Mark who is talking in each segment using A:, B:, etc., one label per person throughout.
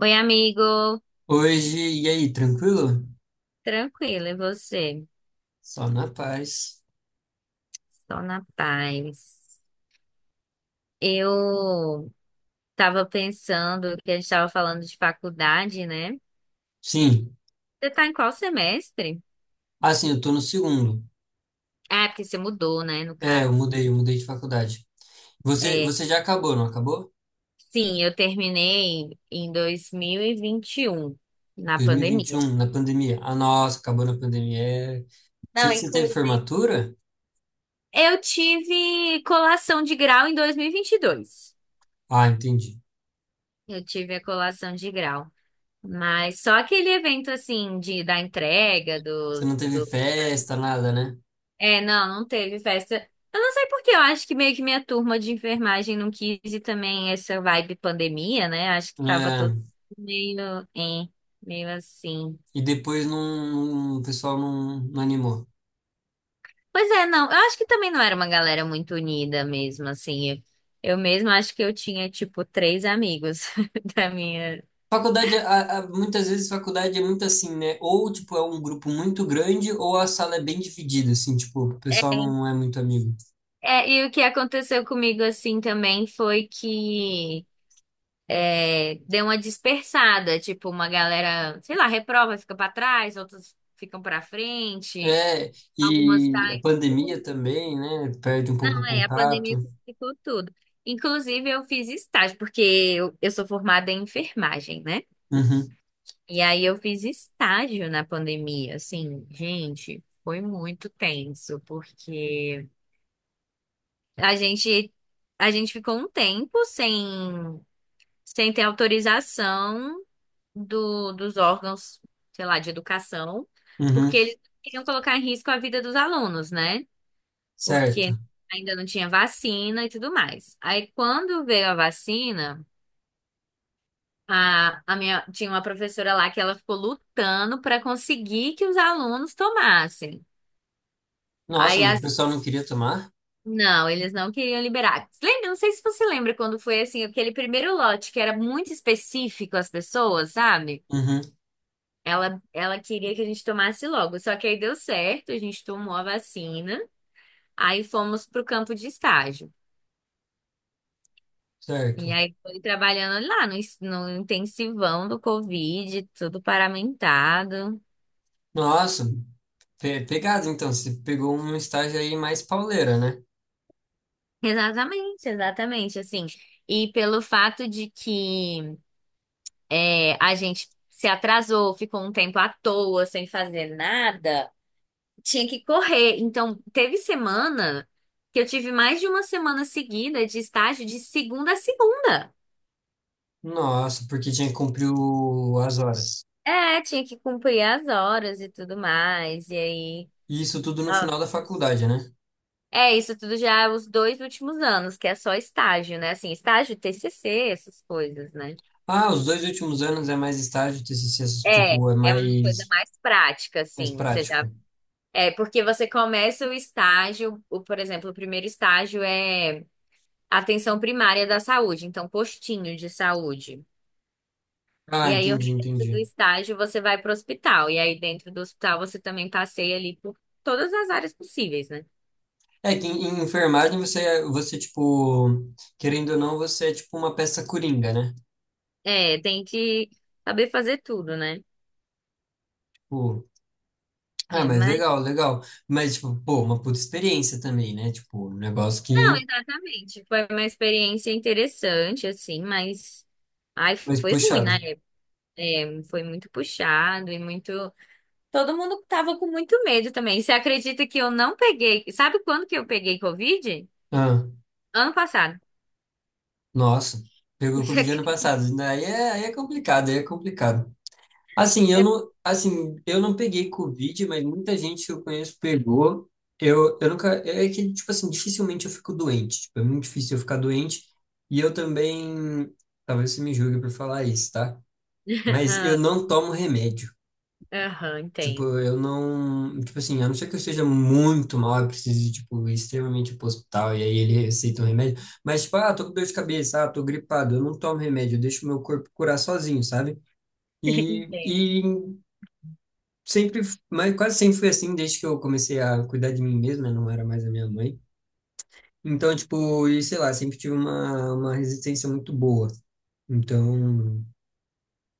A: Oi, amigo.
B: Hoje, e aí, tranquilo?
A: Tranquilo, e você?
B: Só na paz.
A: Estou na paz. Eu estava pensando que a gente estava falando de faculdade, né? Você
B: Sim.
A: está em qual semestre?
B: Ah, sim, eu tô no segundo.
A: Ah, porque você mudou, né, no
B: É, eu
A: caso.
B: mudei, eu mudei de faculdade. Você,
A: É,
B: você já acabou, não acabou?
A: sim, eu terminei em dois mil e vinte e um na
B: Dois mil e vinte e
A: pandemia.
B: um na pandemia. Ah, nossa, acabou na pandemia. É. Você,
A: Não,
B: você teve
A: inclusive,
B: formatura?
A: eu tive colação de grau em dois mil e vinte e dois.
B: Ah, entendi.
A: Eu tive a colação de grau. Mas só aquele evento assim de da entrega
B: Você
A: dos
B: não teve
A: do.
B: festa, nada, né?
A: É, não, não teve festa. Eu não sei porque eu acho que meio que minha turma de enfermagem não quis e também essa vibe pandemia, né? Acho que tava
B: É,
A: todo meio, hein, meio assim.
B: e depois o pessoal não animou.
A: Pois é, não, eu acho que também não era uma galera muito unida mesmo, assim. Eu mesma acho que eu tinha tipo três amigos da minha.
B: Faculdade, muitas vezes faculdade é muito assim, né? Ou, tipo, é um grupo muito grande, ou a sala é bem dividida, assim, tipo, o
A: É,
B: pessoal não é muito amigo.
A: é, e o que aconteceu comigo assim também foi que deu uma dispersada, tipo, uma galera, sei lá, reprova, fica pra trás, outros ficam pra frente,
B: É,
A: algumas
B: e a
A: caem.
B: pandemia também, né? Perde um pouco o
A: É, a
B: contato.
A: pandemia ficou tudo. Inclusive, eu fiz estágio, porque eu sou formada em enfermagem, né?
B: Uhum,
A: E aí eu fiz estágio na pandemia, assim, gente, foi muito tenso, porque a gente a gente ficou um tempo sem ter autorização dos órgãos, sei lá, de educação,
B: uhum,
A: porque eles não queriam colocar em risco a vida dos alunos, né?
B: certo.
A: Porque ainda não tinha vacina e tudo mais. Aí, quando veio a vacina, a minha, tinha uma professora lá que ela ficou lutando para conseguir que os alunos tomassem.
B: Nossa,
A: Aí,
B: mas o pessoal não queria tomar?
A: não, eles não queriam liberar. Lembra, não sei se você lembra quando foi assim, aquele primeiro lote que era muito específico às pessoas, sabe?
B: Uhum,
A: Ela queria que a gente tomasse logo, só que aí deu certo, a gente tomou a vacina, aí fomos pro campo de estágio. E
B: certo.
A: aí foi trabalhando lá no intensivão do Covid, tudo paramentado.
B: Nossa, pegado, então, você pegou um estágio aí mais pauleira, né?
A: Exatamente, exatamente, assim. E pelo fato de que a gente se atrasou, ficou um tempo à toa, sem fazer nada, tinha que correr. Então, teve semana que eu tive mais de uma semana seguida de estágio de segunda a segunda.
B: Nossa, porque tinha que cumprir as horas.
A: É, tinha que cumprir as horas e tudo mais. E aí.
B: E isso tudo no final
A: Nossa.
B: da faculdade, né?
A: É, isso tudo já é os 2 últimos anos, que é só estágio, né? Assim, estágio, TCC, essas coisas, né?
B: Ah, os dois últimos anos é mais estágio, TCC,
A: É,
B: tipo, é
A: é uma coisa
B: mais,
A: mais prática,
B: mais
A: assim. Você já.
B: prático.
A: É, porque você começa o estágio, o, por exemplo, o primeiro estágio é atenção primária da saúde, então postinho de saúde.
B: Ah,
A: E aí o
B: entendi,
A: resto do
B: entendi.
A: estágio você vai para o hospital. E aí dentro do hospital você também passeia ali por todas as áreas possíveis, né?
B: É que em enfermagem você, tipo, querendo ou não, você é tipo uma peça coringa, né?
A: É, tem que saber fazer tudo, né?
B: Tipo, ah,
A: É,
B: mas
A: mas
B: legal, legal. Mas, tipo, pô, uma puta experiência também, né? Tipo, um negócio
A: não,
B: que
A: exatamente. Foi uma experiência interessante, assim, mas ai,
B: mais
A: foi ruim,
B: puxado.
A: né? É, foi muito puxado e muito. Todo mundo tava com muito medo também. Você acredita que eu não peguei? Sabe quando que eu peguei Covid?
B: Ah,
A: Ano passado.
B: nossa, pegou Covid ano passado. Aí é complicado, aí é complicado.
A: Eu-
B: Assim, eu não peguei Covid, mas muita gente que eu conheço pegou. Eu nunca, é que, tipo assim, dificilmente eu fico doente. Tipo, é muito difícil eu ficar doente. E eu também, talvez você me julgue por falar isso, tá? Mas
A: Ah,
B: eu não tomo remédio.
A: aham,
B: Tipo,
A: entendo.
B: eu não, tipo assim, a não ser que eu esteja muito mal, eu precise, tipo, extremamente ir pro hospital, e aí ele receita um remédio. Mas, tipo, ah, tô com dor de cabeça, ah, tô gripado, eu não tomo remédio, eu deixo meu corpo curar sozinho, sabe? E,
A: Entendo.
B: e sempre, mas quase sempre foi assim desde que eu comecei a cuidar de mim mesmo, né? Não era mais a minha mãe. Então, tipo, e sei lá, sempre tive uma resistência muito boa. Então,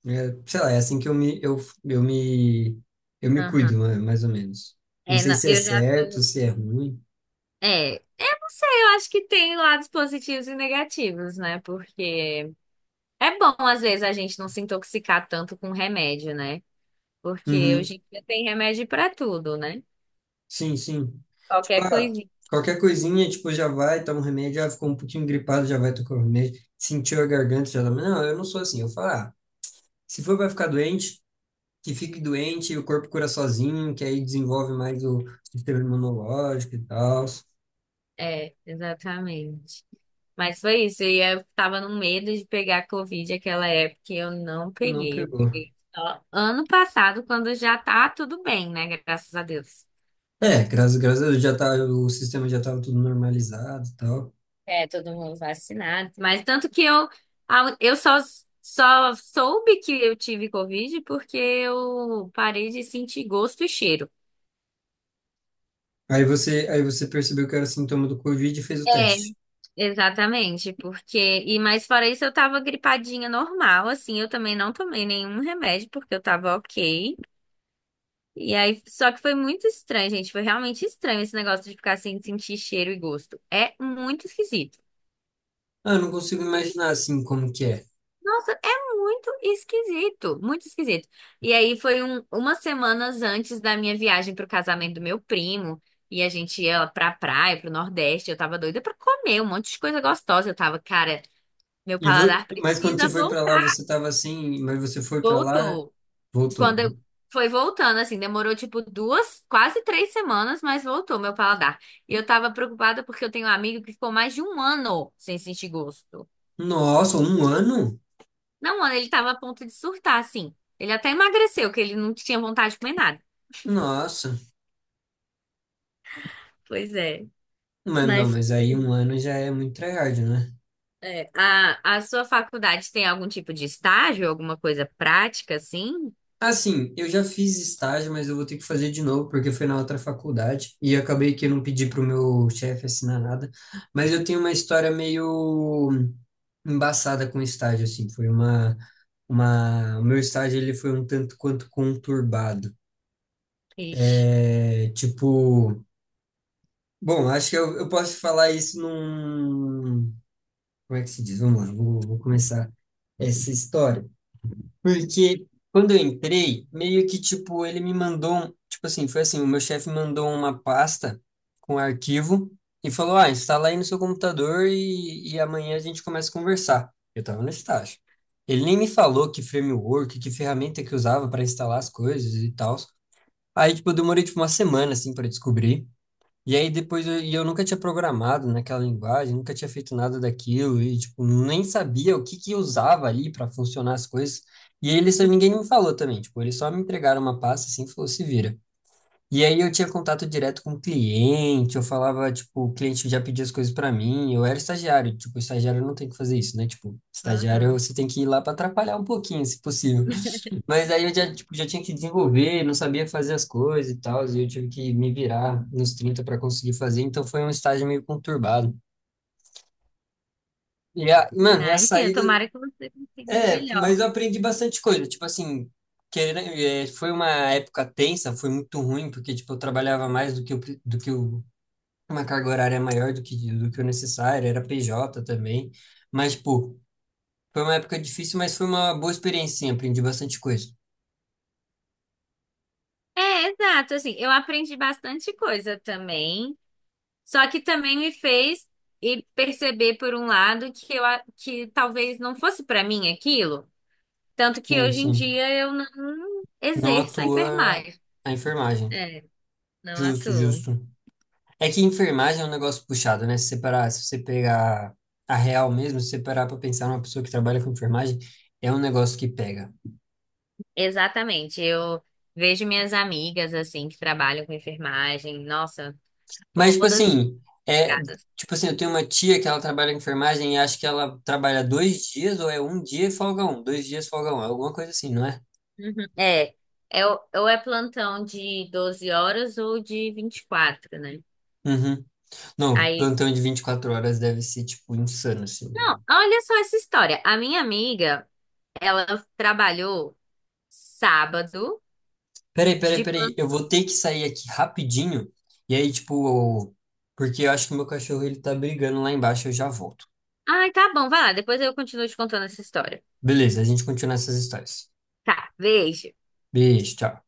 B: é, sei lá, é assim que eu me, eu me cuido,
A: Aham.
B: mais ou menos. Não
A: É,
B: sei
A: não,
B: se é
A: eu já
B: certo,
A: tô.
B: se é ruim.
A: É, eu não sei, eu acho que tem lados positivos e negativos, né? Porque é bom, às vezes, a gente não se intoxicar tanto com remédio, né? Porque
B: Uhum.
A: hoje em dia tem remédio pra tudo, né?
B: Sim, sim. Tipo,
A: Qualquer
B: ah,
A: coisinha.
B: qualquer coisinha, tipo, já vai, toma um remédio, ah, ficou um pouquinho gripado, já vai tocar o remédio, sentiu a garganta, já toma. Não, eu não sou assim. Eu falo, ah, se for, vai ficar doente, que fique doente e o corpo cura sozinho, que aí desenvolve mais o sistema imunológico e tal.
A: É, exatamente. Mas foi isso. E eu tava no medo de pegar Covid naquela época e eu não
B: Não
A: peguei. Eu
B: pegou.
A: peguei só ano passado, quando já tá tudo bem, né? Graças a Deus.
B: É, graças a Deus já tá, o sistema já estava tudo normalizado e tal.
A: É, todo mundo vacinado. Mas tanto que eu só soube que eu tive Covid porque eu parei de sentir gosto e cheiro.
B: Aí você percebeu que era sintoma do Covid e fez o
A: É.
B: teste.
A: Exatamente, porque. E mais fora isso, eu tava gripadinha normal, assim, eu também não tomei nenhum remédio, porque eu tava ok. E aí, só que foi muito estranho, gente. Foi realmente estranho esse negócio de ficar sem sentir cheiro e gosto. É muito esquisito.
B: Ah, eu não consigo imaginar assim como que é.
A: Nossa, é muito esquisito, muito esquisito. E aí foi umas semanas antes da minha viagem pro casamento do meu primo. E a gente ia lá pra praia, pro Nordeste. Eu tava doida pra comer um monte de coisa gostosa. Eu tava, cara, meu
B: E
A: paladar
B: mas quando você
A: precisa
B: foi para lá, você
A: voltar.
B: estava assim, mas você foi para lá,
A: Voltou.
B: voltou.
A: Quando eu. Foi voltando, assim, demorou tipo 2, quase 3 semanas, mas voltou meu paladar. E eu tava preocupada porque eu tenho um amigo que ficou mais de um ano sem sentir gosto.
B: Nossa, um ano?
A: Não, mano, ele tava a ponto de surtar, assim. Ele até emagreceu, que ele não tinha vontade de comer nada.
B: Nossa.
A: Pois é.
B: Mas não,
A: Mas
B: mas aí um
A: sim.
B: ano já é muito tryhard, né?
A: A sua faculdade tem algum tipo de estágio, alguma coisa prática, assim?
B: Assim, eu já fiz estágio, mas eu vou ter que fazer de novo, porque foi na outra faculdade, e acabei que eu não pedi pro meu chefe assinar nada, mas eu tenho uma história meio embaçada com estágio, assim, foi o meu estágio, ele foi um tanto quanto conturbado,
A: Ixi.
B: é, tipo, bom, acho que eu posso falar isso num, como é que se diz? Vamos lá, vou começar essa história. Porque quando eu entrei, meio que tipo, ele me mandou, tipo assim, foi assim, o meu chefe mandou uma pasta com arquivo e falou: "Ah, instala aí no seu computador e amanhã a gente começa a conversar". Eu tava no estágio. Ele nem me falou que framework, que ferramenta que usava para instalar as coisas e tal. Aí, tipo, eu demorei tipo uma semana assim para descobrir. E aí depois eu nunca tinha programado naquela linguagem, nunca tinha feito nada daquilo e tipo nem sabia o que que usava ali para funcionar as coisas. E aí eles ninguém me falou também, tipo, eles só me entregaram uma pasta assim, e falou se vira. E aí eu tinha contato direto com o cliente, eu falava, tipo, o cliente já pedia as coisas para mim, eu era estagiário, tipo, estagiário não tem que fazer isso, né? Tipo, estagiário
A: Aham.
B: você tem que ir lá para atrapalhar um pouquinho, se possível. Mas aí eu já, tipo, já tinha que desenvolver, não sabia fazer as coisas e tal, e eu tive que me virar nos 30 para conseguir fazer, então foi um estágio meio conturbado. E a, mano, e
A: Ah,
B: a
A: entendo.
B: saída,
A: Tomara que você consiga o
B: é, mas
A: melhor.
B: eu aprendi bastante coisa, tipo assim, querendo, é, foi uma época tensa, foi muito ruim, porque, tipo, eu trabalhava mais do que, o do que uma carga horária maior do que, o necessário, era PJ também, mas, tipo, foi uma época difícil, mas foi uma boa experiência, sim, aprendi bastante coisa.
A: É, exato. Assim, eu aprendi bastante coisa também, só que também me fez perceber, por um lado, que talvez não fosse pra mim aquilo, tanto que
B: Sim,
A: hoje em
B: sim.
A: dia eu não
B: Não
A: exerço a
B: atua
A: enfermagem.
B: a enfermagem.
A: É, não
B: Justo,
A: atuo.
B: justo. É que enfermagem é um negócio puxado, né? Se separar, se você pegar a real mesmo, se você parar para pensar numa pessoa que trabalha com enfermagem, é um negócio que pega.
A: Exatamente. Eu vejo minhas amigas assim que trabalham com enfermagem, nossa,
B: Mas, tipo
A: todas
B: assim, é,
A: estragadas.
B: tipo assim, eu tenho uma tia que ela trabalha com enfermagem e acho que ela trabalha dois dias, ou é um dia e folga um, dois dias folga um, é alguma coisa assim, não é?
A: Uhum. É, é, o ou é plantão de 12 horas ou de 24, né?
B: Uhum. Não,
A: Aí
B: plantão de 24 horas deve ser, tipo, insano, assim.
A: não, olha só essa história. A minha amiga, ela trabalhou sábado
B: Peraí, peraí,
A: de
B: peraí.
A: plantão.
B: Eu vou ter que sair aqui rapidinho. E aí, tipo, porque eu acho que o meu cachorro ele tá brigando lá embaixo, eu já volto.
A: Ai, tá bom, vai lá, depois eu continuo te contando essa história.
B: Beleza, a gente continua essas histórias.
A: Tá, beijo.
B: Beijo, tchau.